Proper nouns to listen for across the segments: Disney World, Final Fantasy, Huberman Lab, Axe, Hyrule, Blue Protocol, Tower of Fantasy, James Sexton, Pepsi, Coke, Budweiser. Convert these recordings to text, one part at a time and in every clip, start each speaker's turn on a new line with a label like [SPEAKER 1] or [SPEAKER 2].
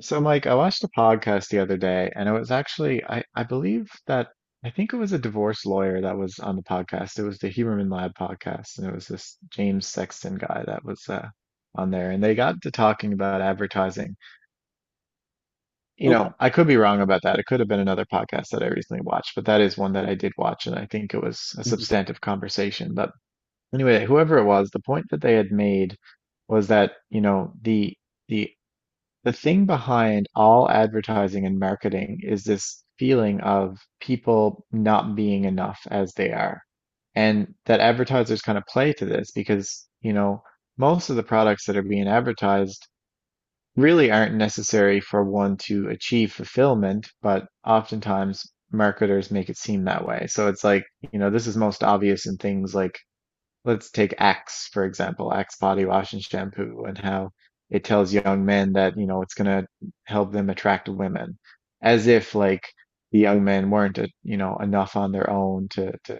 [SPEAKER 1] So, Mike, I watched a podcast the other day, and it was actually, I believe that, I think it was a divorce lawyer that was on the podcast. It was the Huberman Lab podcast, and it was this James Sexton guy that was on there. And they got to talking about advertising. You
[SPEAKER 2] Okay.
[SPEAKER 1] know, I could be wrong about that. It could have been another podcast that I recently watched, but that is one that I did watch, and I think it was a
[SPEAKER 2] Mhm.
[SPEAKER 1] substantive conversation. But anyway, whoever it was, the point that they had made was that, you know, the the thing behind all advertising and marketing is this feeling of people not being enough as they are. And that advertisers kind of play to this because, you know, most of the products that are being advertised really aren't necessary for one to achieve fulfillment, but oftentimes marketers make it seem that way. So it's like, you know, this is most obvious in things like, let's take Axe, for example, Axe body wash and shampoo, and how it tells young men that, you know, it's gonna help them attract women, as if like the young men weren't, you know, enough on their own to to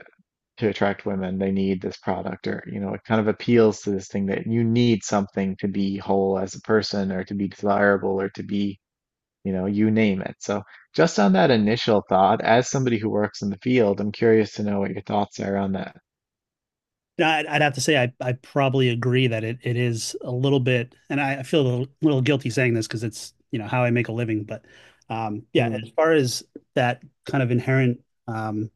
[SPEAKER 1] to attract women. They need this product, or, you know, it kind of appeals to this thing that you need something to be whole as a person, or to be desirable, or to be, you know, you name it. So just on that initial thought, as somebody who works in the field, I'm curious to know what your thoughts are on that.
[SPEAKER 2] I'd have to say I probably agree that it is a little bit, and I feel a little guilty saying this because it's, you know, how I make a living. But yeah,
[SPEAKER 1] Hmm.
[SPEAKER 2] as far as that kind of inherent, um,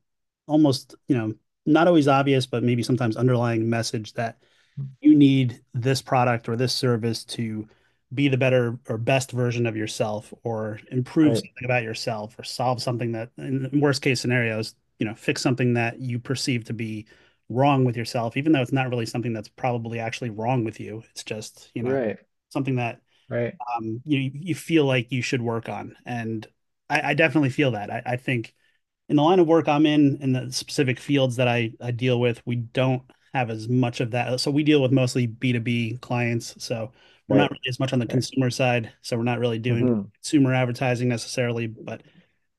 [SPEAKER 2] almost, you know, not always obvious, but maybe sometimes underlying message that you need this product or this service to be the better or best version of yourself or improve
[SPEAKER 1] Right,
[SPEAKER 2] something about yourself or solve something that in worst case scenarios, you know, fix something that you perceive to be wrong with yourself, even though it's not really something that's probably actually wrong with you, it's just, you know,
[SPEAKER 1] right.
[SPEAKER 2] something that
[SPEAKER 1] Right.
[SPEAKER 2] you feel like you should work on. And I definitely feel that. I think in the line of work I'm in the specific fields that I deal with, we don't have as much of that. So we deal with mostly B2B clients. So we're not
[SPEAKER 1] Right.
[SPEAKER 2] really as much on the
[SPEAKER 1] Right.
[SPEAKER 2] consumer side. So we're not really doing
[SPEAKER 1] Hmm.
[SPEAKER 2] consumer advertising necessarily, but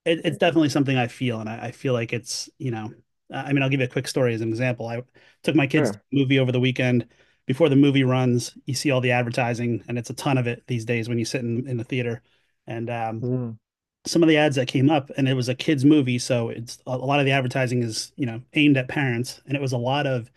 [SPEAKER 2] it's definitely something I feel. And I feel like it's, you know, I mean, I'll give you a quick story as an example. I took my kids to
[SPEAKER 1] Sure.
[SPEAKER 2] a movie over the weekend. Before the movie runs, you see all the advertising, and it's a ton of it these days when you sit in the theater. And
[SPEAKER 1] Hmm.
[SPEAKER 2] some of the ads that came up, and it was a kids' movie, so it's a lot of the advertising is, you know, aimed at parents, and it was a lot of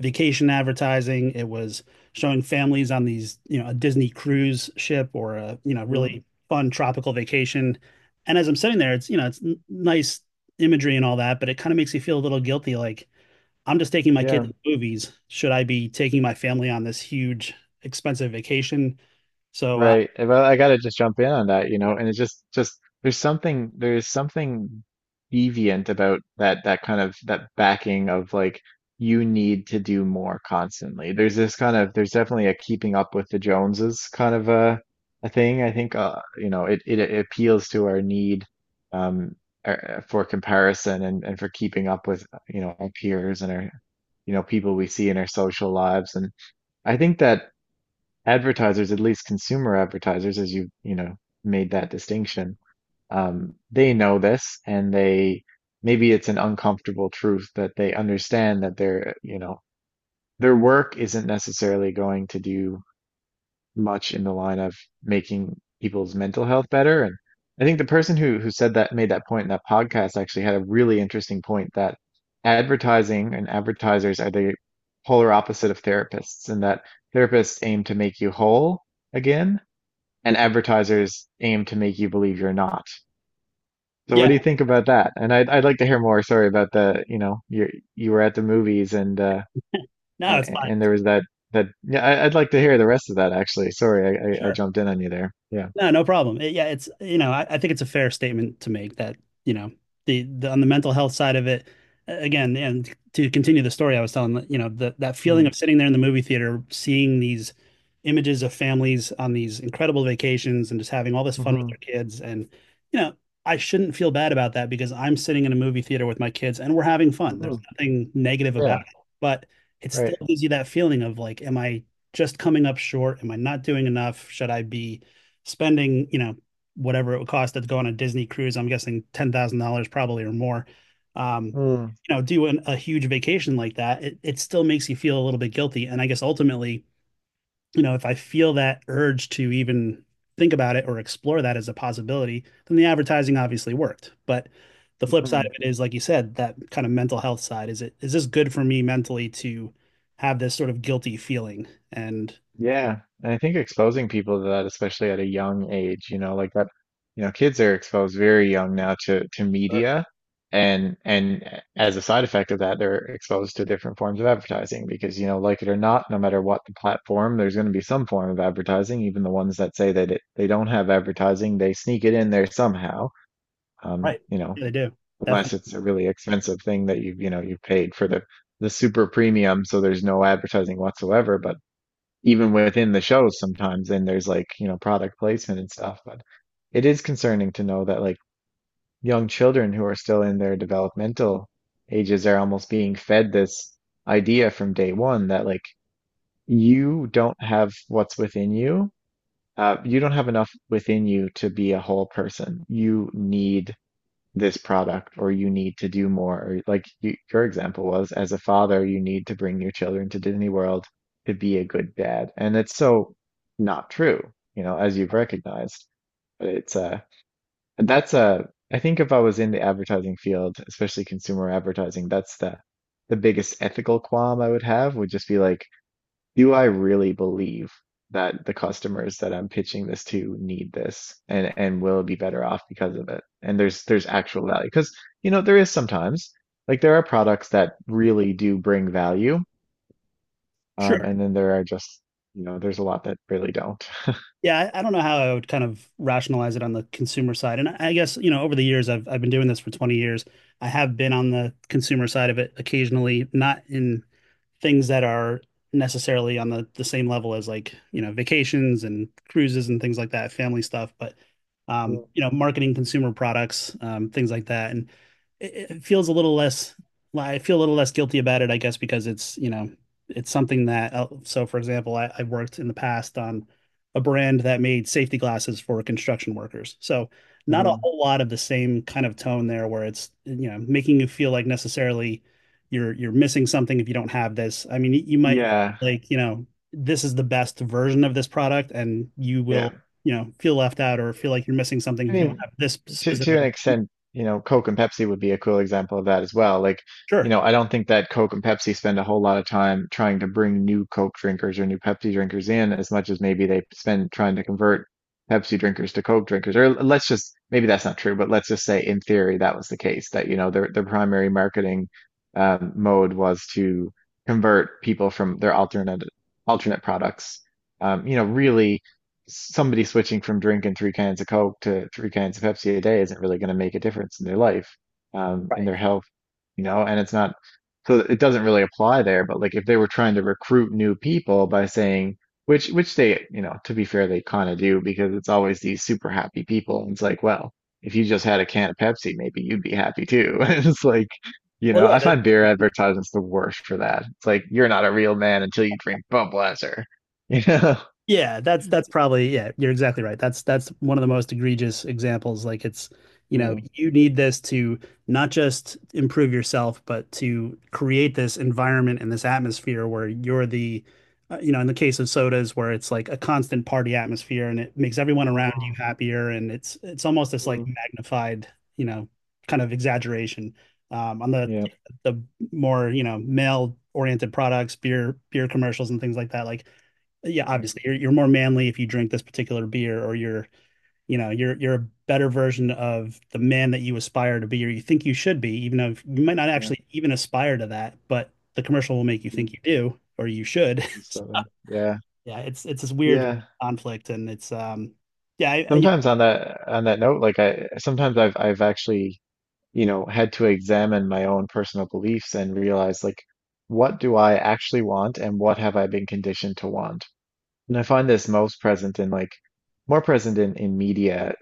[SPEAKER 2] vacation advertising. It was showing families on these, you know, a Disney cruise ship or a, you know,
[SPEAKER 1] Hmm.
[SPEAKER 2] really fun tropical vacation. And as I'm sitting there, it's, you know, it's nice imagery and all that, but it kind of makes you feel a little guilty, like I'm just taking my kid
[SPEAKER 1] Yeah.
[SPEAKER 2] to the movies. Should I be taking my family on this huge, expensive vacation? So,
[SPEAKER 1] Right. Well, I gotta just jump in on that, you know, and it's just there's something deviant about that kind of, that backing of, like, you need to do more constantly. There's this kind of, there's definitely a keeping up with the Joneses kind of a thing. I think it appeals to our need, um for comparison and for keeping up with, our peers and our, people we see in our social lives. And I think that advertisers, at least consumer advertisers, as you, you know made that distinction, they know this, and they, maybe it's an uncomfortable truth, that they understand that their you know their work isn't necessarily going to do much in the line of making people's mental health better. And I think the person who said that made that point in that podcast actually had a really interesting point that advertising and advertisers are the polar opposite of therapists, and that therapists aim to make you whole again, and advertisers aim to make you believe you're not. So what do
[SPEAKER 2] yeah,
[SPEAKER 1] you think about that? And I'd like to hear more, sorry, about the, you were at the movies, and uh
[SPEAKER 2] no,
[SPEAKER 1] and,
[SPEAKER 2] it's
[SPEAKER 1] and
[SPEAKER 2] fine.
[SPEAKER 1] there was that yeah, I'd like to hear the rest of that actually. Sorry, I
[SPEAKER 2] Sure.
[SPEAKER 1] jumped in on you there. Yeah.
[SPEAKER 2] No, no problem. Yeah, it's, you know, I think it's a fair statement to make that, you know, the on the mental health side of it, again, and to continue the story I was telling, you know, the, that feeling
[SPEAKER 1] Mm.
[SPEAKER 2] of sitting there in the movie theater, seeing these images of families on these incredible vacations and just having all this fun with
[SPEAKER 1] Hmm.
[SPEAKER 2] their kids. And, you know, I shouldn't feel bad about that because I'm sitting in a movie theater with my kids and we're having fun. There's
[SPEAKER 1] Hmm.
[SPEAKER 2] nothing negative about
[SPEAKER 1] Yeah.
[SPEAKER 2] it, but it
[SPEAKER 1] Right.
[SPEAKER 2] still gives you that feeling of like, am I just coming up short? Am I not doing enough? Should I be spending, you know, whatever it would cost to go on a Disney cruise, I'm guessing $10,000 probably or more. Um,
[SPEAKER 1] Mm.
[SPEAKER 2] you know, do an, a huge vacation like that, it still makes you feel a little bit guilty. And I guess ultimately, you know, if I feel that urge to even think about it or explore that as a possibility, then the advertising obviously worked. But the flip side
[SPEAKER 1] Mhm.
[SPEAKER 2] of it is, like you said, that kind of mental health side. Is it, is this good for me mentally to have this sort of guilty feeling? And
[SPEAKER 1] Yeah, and I think exposing people to that, especially at a young age, you know, like that, you know, kids are exposed very young now to media, and as a side effect of that, they're exposed to different forms of advertising because, you know, like it or not, no matter what the platform, there's going to be some form of advertising. Even the ones that say that they don't have advertising, they sneak it in there somehow. Um,
[SPEAKER 2] right,
[SPEAKER 1] you know,
[SPEAKER 2] they do.
[SPEAKER 1] unless
[SPEAKER 2] Definitely.
[SPEAKER 1] it's a really expensive thing that you've paid for the super premium, so there's no advertising whatsoever. But even within the shows sometimes, and there's, like, you know, product placement and stuff, but it is concerning to know that, like, young children who are still in their developmental ages are almost being fed this idea from day one that, like, you don't have what's within you, you don't have enough within you to be a whole person. You need this product, or you need to do more, or, like, your example was, as a father you need to bring your children to Disney World to be a good dad, and it's so not true, you know, as you've recognized. But it's that's I think if I was in the advertising field, especially consumer advertising, that's the biggest ethical qualm I would have. Would just be, like, do I really believe that the customers that I'm pitching this to need this, and will be better off because of it? And there's actual value, because, you know, there is sometimes, like, there are products that really do bring value,
[SPEAKER 2] Sure.
[SPEAKER 1] and then there are just, there's a lot that really don't.
[SPEAKER 2] Yeah, I don't know how I would kind of rationalize it on the consumer side. And I guess, you know, over the years I've been doing this for 20 years. I have been on the consumer side of it occasionally, not in things that are necessarily on the same level as, like, you know, vacations and cruises and things like that, family stuff, but you know, marketing consumer products, things like that. And it feels a little less, I feel a little less guilty about it, I guess, because it's, you know, it's something that, so for example, I worked in the past on a brand that made safety glasses for construction workers. So not a
[SPEAKER 1] Mhm.
[SPEAKER 2] whole lot of the same kind of tone there where it's, you know, making you feel like necessarily you're missing something if you don't have this. I mean, you might
[SPEAKER 1] Yeah,
[SPEAKER 2] like, you know, this is the best version of this product and you
[SPEAKER 1] yeah.
[SPEAKER 2] will, you know, feel left out or feel like you're missing something
[SPEAKER 1] I
[SPEAKER 2] if you don't
[SPEAKER 1] mean,
[SPEAKER 2] have this
[SPEAKER 1] to
[SPEAKER 2] specific
[SPEAKER 1] an
[SPEAKER 2] one.
[SPEAKER 1] extent, you know, Coke and Pepsi would be a cool example of that as well. Like, you
[SPEAKER 2] Sure.
[SPEAKER 1] know, I don't think that Coke and Pepsi spend a whole lot of time trying to bring new Coke drinkers or new Pepsi drinkers in, as much as maybe they spend trying to convert Pepsi drinkers to Coke drinkers. Or let's just, maybe that's not true, but let's just say in theory that was the case, that, you know, their primary marketing, mode, was to convert people from their alternate products. Really, somebody switching from drinking three cans of Coke to three cans of Pepsi a day isn't really going to make a difference in their life, in
[SPEAKER 2] Right.
[SPEAKER 1] their health, you know, and it's not, so it doesn't really apply there. But, like, if they were trying to recruit new people by saying, which they, you know, to be fair, they kind of do, because it's always these super happy people. And it's like, well, if you just had a can of Pepsi, maybe you'd be happy too. And it's like, you
[SPEAKER 2] Well,
[SPEAKER 1] know,
[SPEAKER 2] yeah,
[SPEAKER 1] I
[SPEAKER 2] that,
[SPEAKER 1] find beer advertisements the worst for that. It's like, you're not a real man until you drink Budweiser, you know?
[SPEAKER 2] yeah, that's probably, yeah, you're exactly right. That's one of the most egregious examples. Like it's, you know, you need this to not just improve yourself, but to create this environment and this atmosphere where you're the, you know, in the case of sodas where it's like a constant party atmosphere and it makes everyone around you
[SPEAKER 1] Mm.
[SPEAKER 2] happier and it's almost this like
[SPEAKER 1] Mm,
[SPEAKER 2] magnified, you know, kind of exaggeration. On the
[SPEAKER 1] yeah,
[SPEAKER 2] the more, you know, male oriented products, beer commercials and things like that, like yeah,
[SPEAKER 1] mm,
[SPEAKER 2] obviously you're more manly if you drink this particular beer, or you're, you know, you're a better version of the man that you aspire to be, or you think you should be, even though you might not
[SPEAKER 1] yeah,
[SPEAKER 2] actually even aspire to that, but the commercial will make you
[SPEAKER 1] mm,
[SPEAKER 2] think you do or you should.
[SPEAKER 1] that's that way. Yeah,
[SPEAKER 2] Yeah, it's this weird
[SPEAKER 1] yeah.
[SPEAKER 2] conflict, and it's yeah
[SPEAKER 1] Sometimes on that, on that note, like, I sometimes I've actually, you know, had to examine my own personal beliefs and realize, like, what do I actually want, and what have I been conditioned to want? And I find this most present in like more present in media,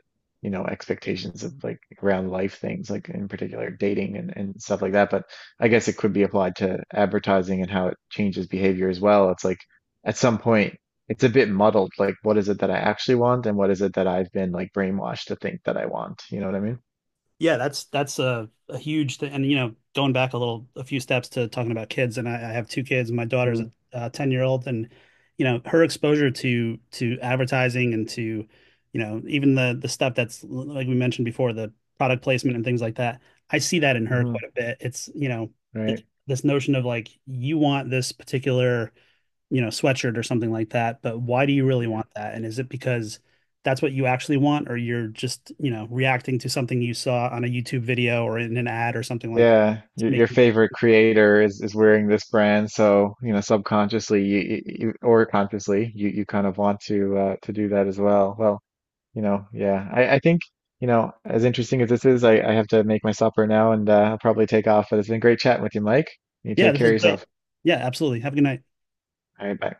[SPEAKER 1] you know, expectations of, like, around life things, like in particular dating, and stuff like that. But I guess it could be applied to advertising and how it changes behavior as well. It's like, at some point, it's a bit muddled, like, what is it that I actually want, and what is it that I've been, like, brainwashed to think that I want? You know what I mean?
[SPEAKER 2] Yeah, that's a huge thing. And you know, going back a little, a few steps to talking about kids, and I have 2 kids, and my daughter's a
[SPEAKER 1] Mm.
[SPEAKER 2] 10-year-old, and you know, her exposure to advertising and to, you know, even the stuff that's like we mentioned before, the product placement and things like that. I see that in her
[SPEAKER 1] Hmm.
[SPEAKER 2] quite a bit. It's, you know, this,
[SPEAKER 1] Right.
[SPEAKER 2] this notion of like you want this particular, you know, sweatshirt or something like that. But why do you really want that? And is it because that's what you actually want, or you're just, you know, reacting to something you saw on a YouTube video or in an ad or something like that?
[SPEAKER 1] Yeah,
[SPEAKER 2] It's
[SPEAKER 1] your
[SPEAKER 2] making,
[SPEAKER 1] favorite creator is wearing this brand, so, subconsciously, or consciously, you kind of want to do that as well. Well, yeah, I think, as interesting as this is, I have to make my supper now, and I'll probably take off. But it's been great chatting with you, Mike. You
[SPEAKER 2] yeah,
[SPEAKER 1] take
[SPEAKER 2] this
[SPEAKER 1] care of
[SPEAKER 2] is great.
[SPEAKER 1] yourself.
[SPEAKER 2] Yeah, absolutely. Have a good night.
[SPEAKER 1] All right, bye.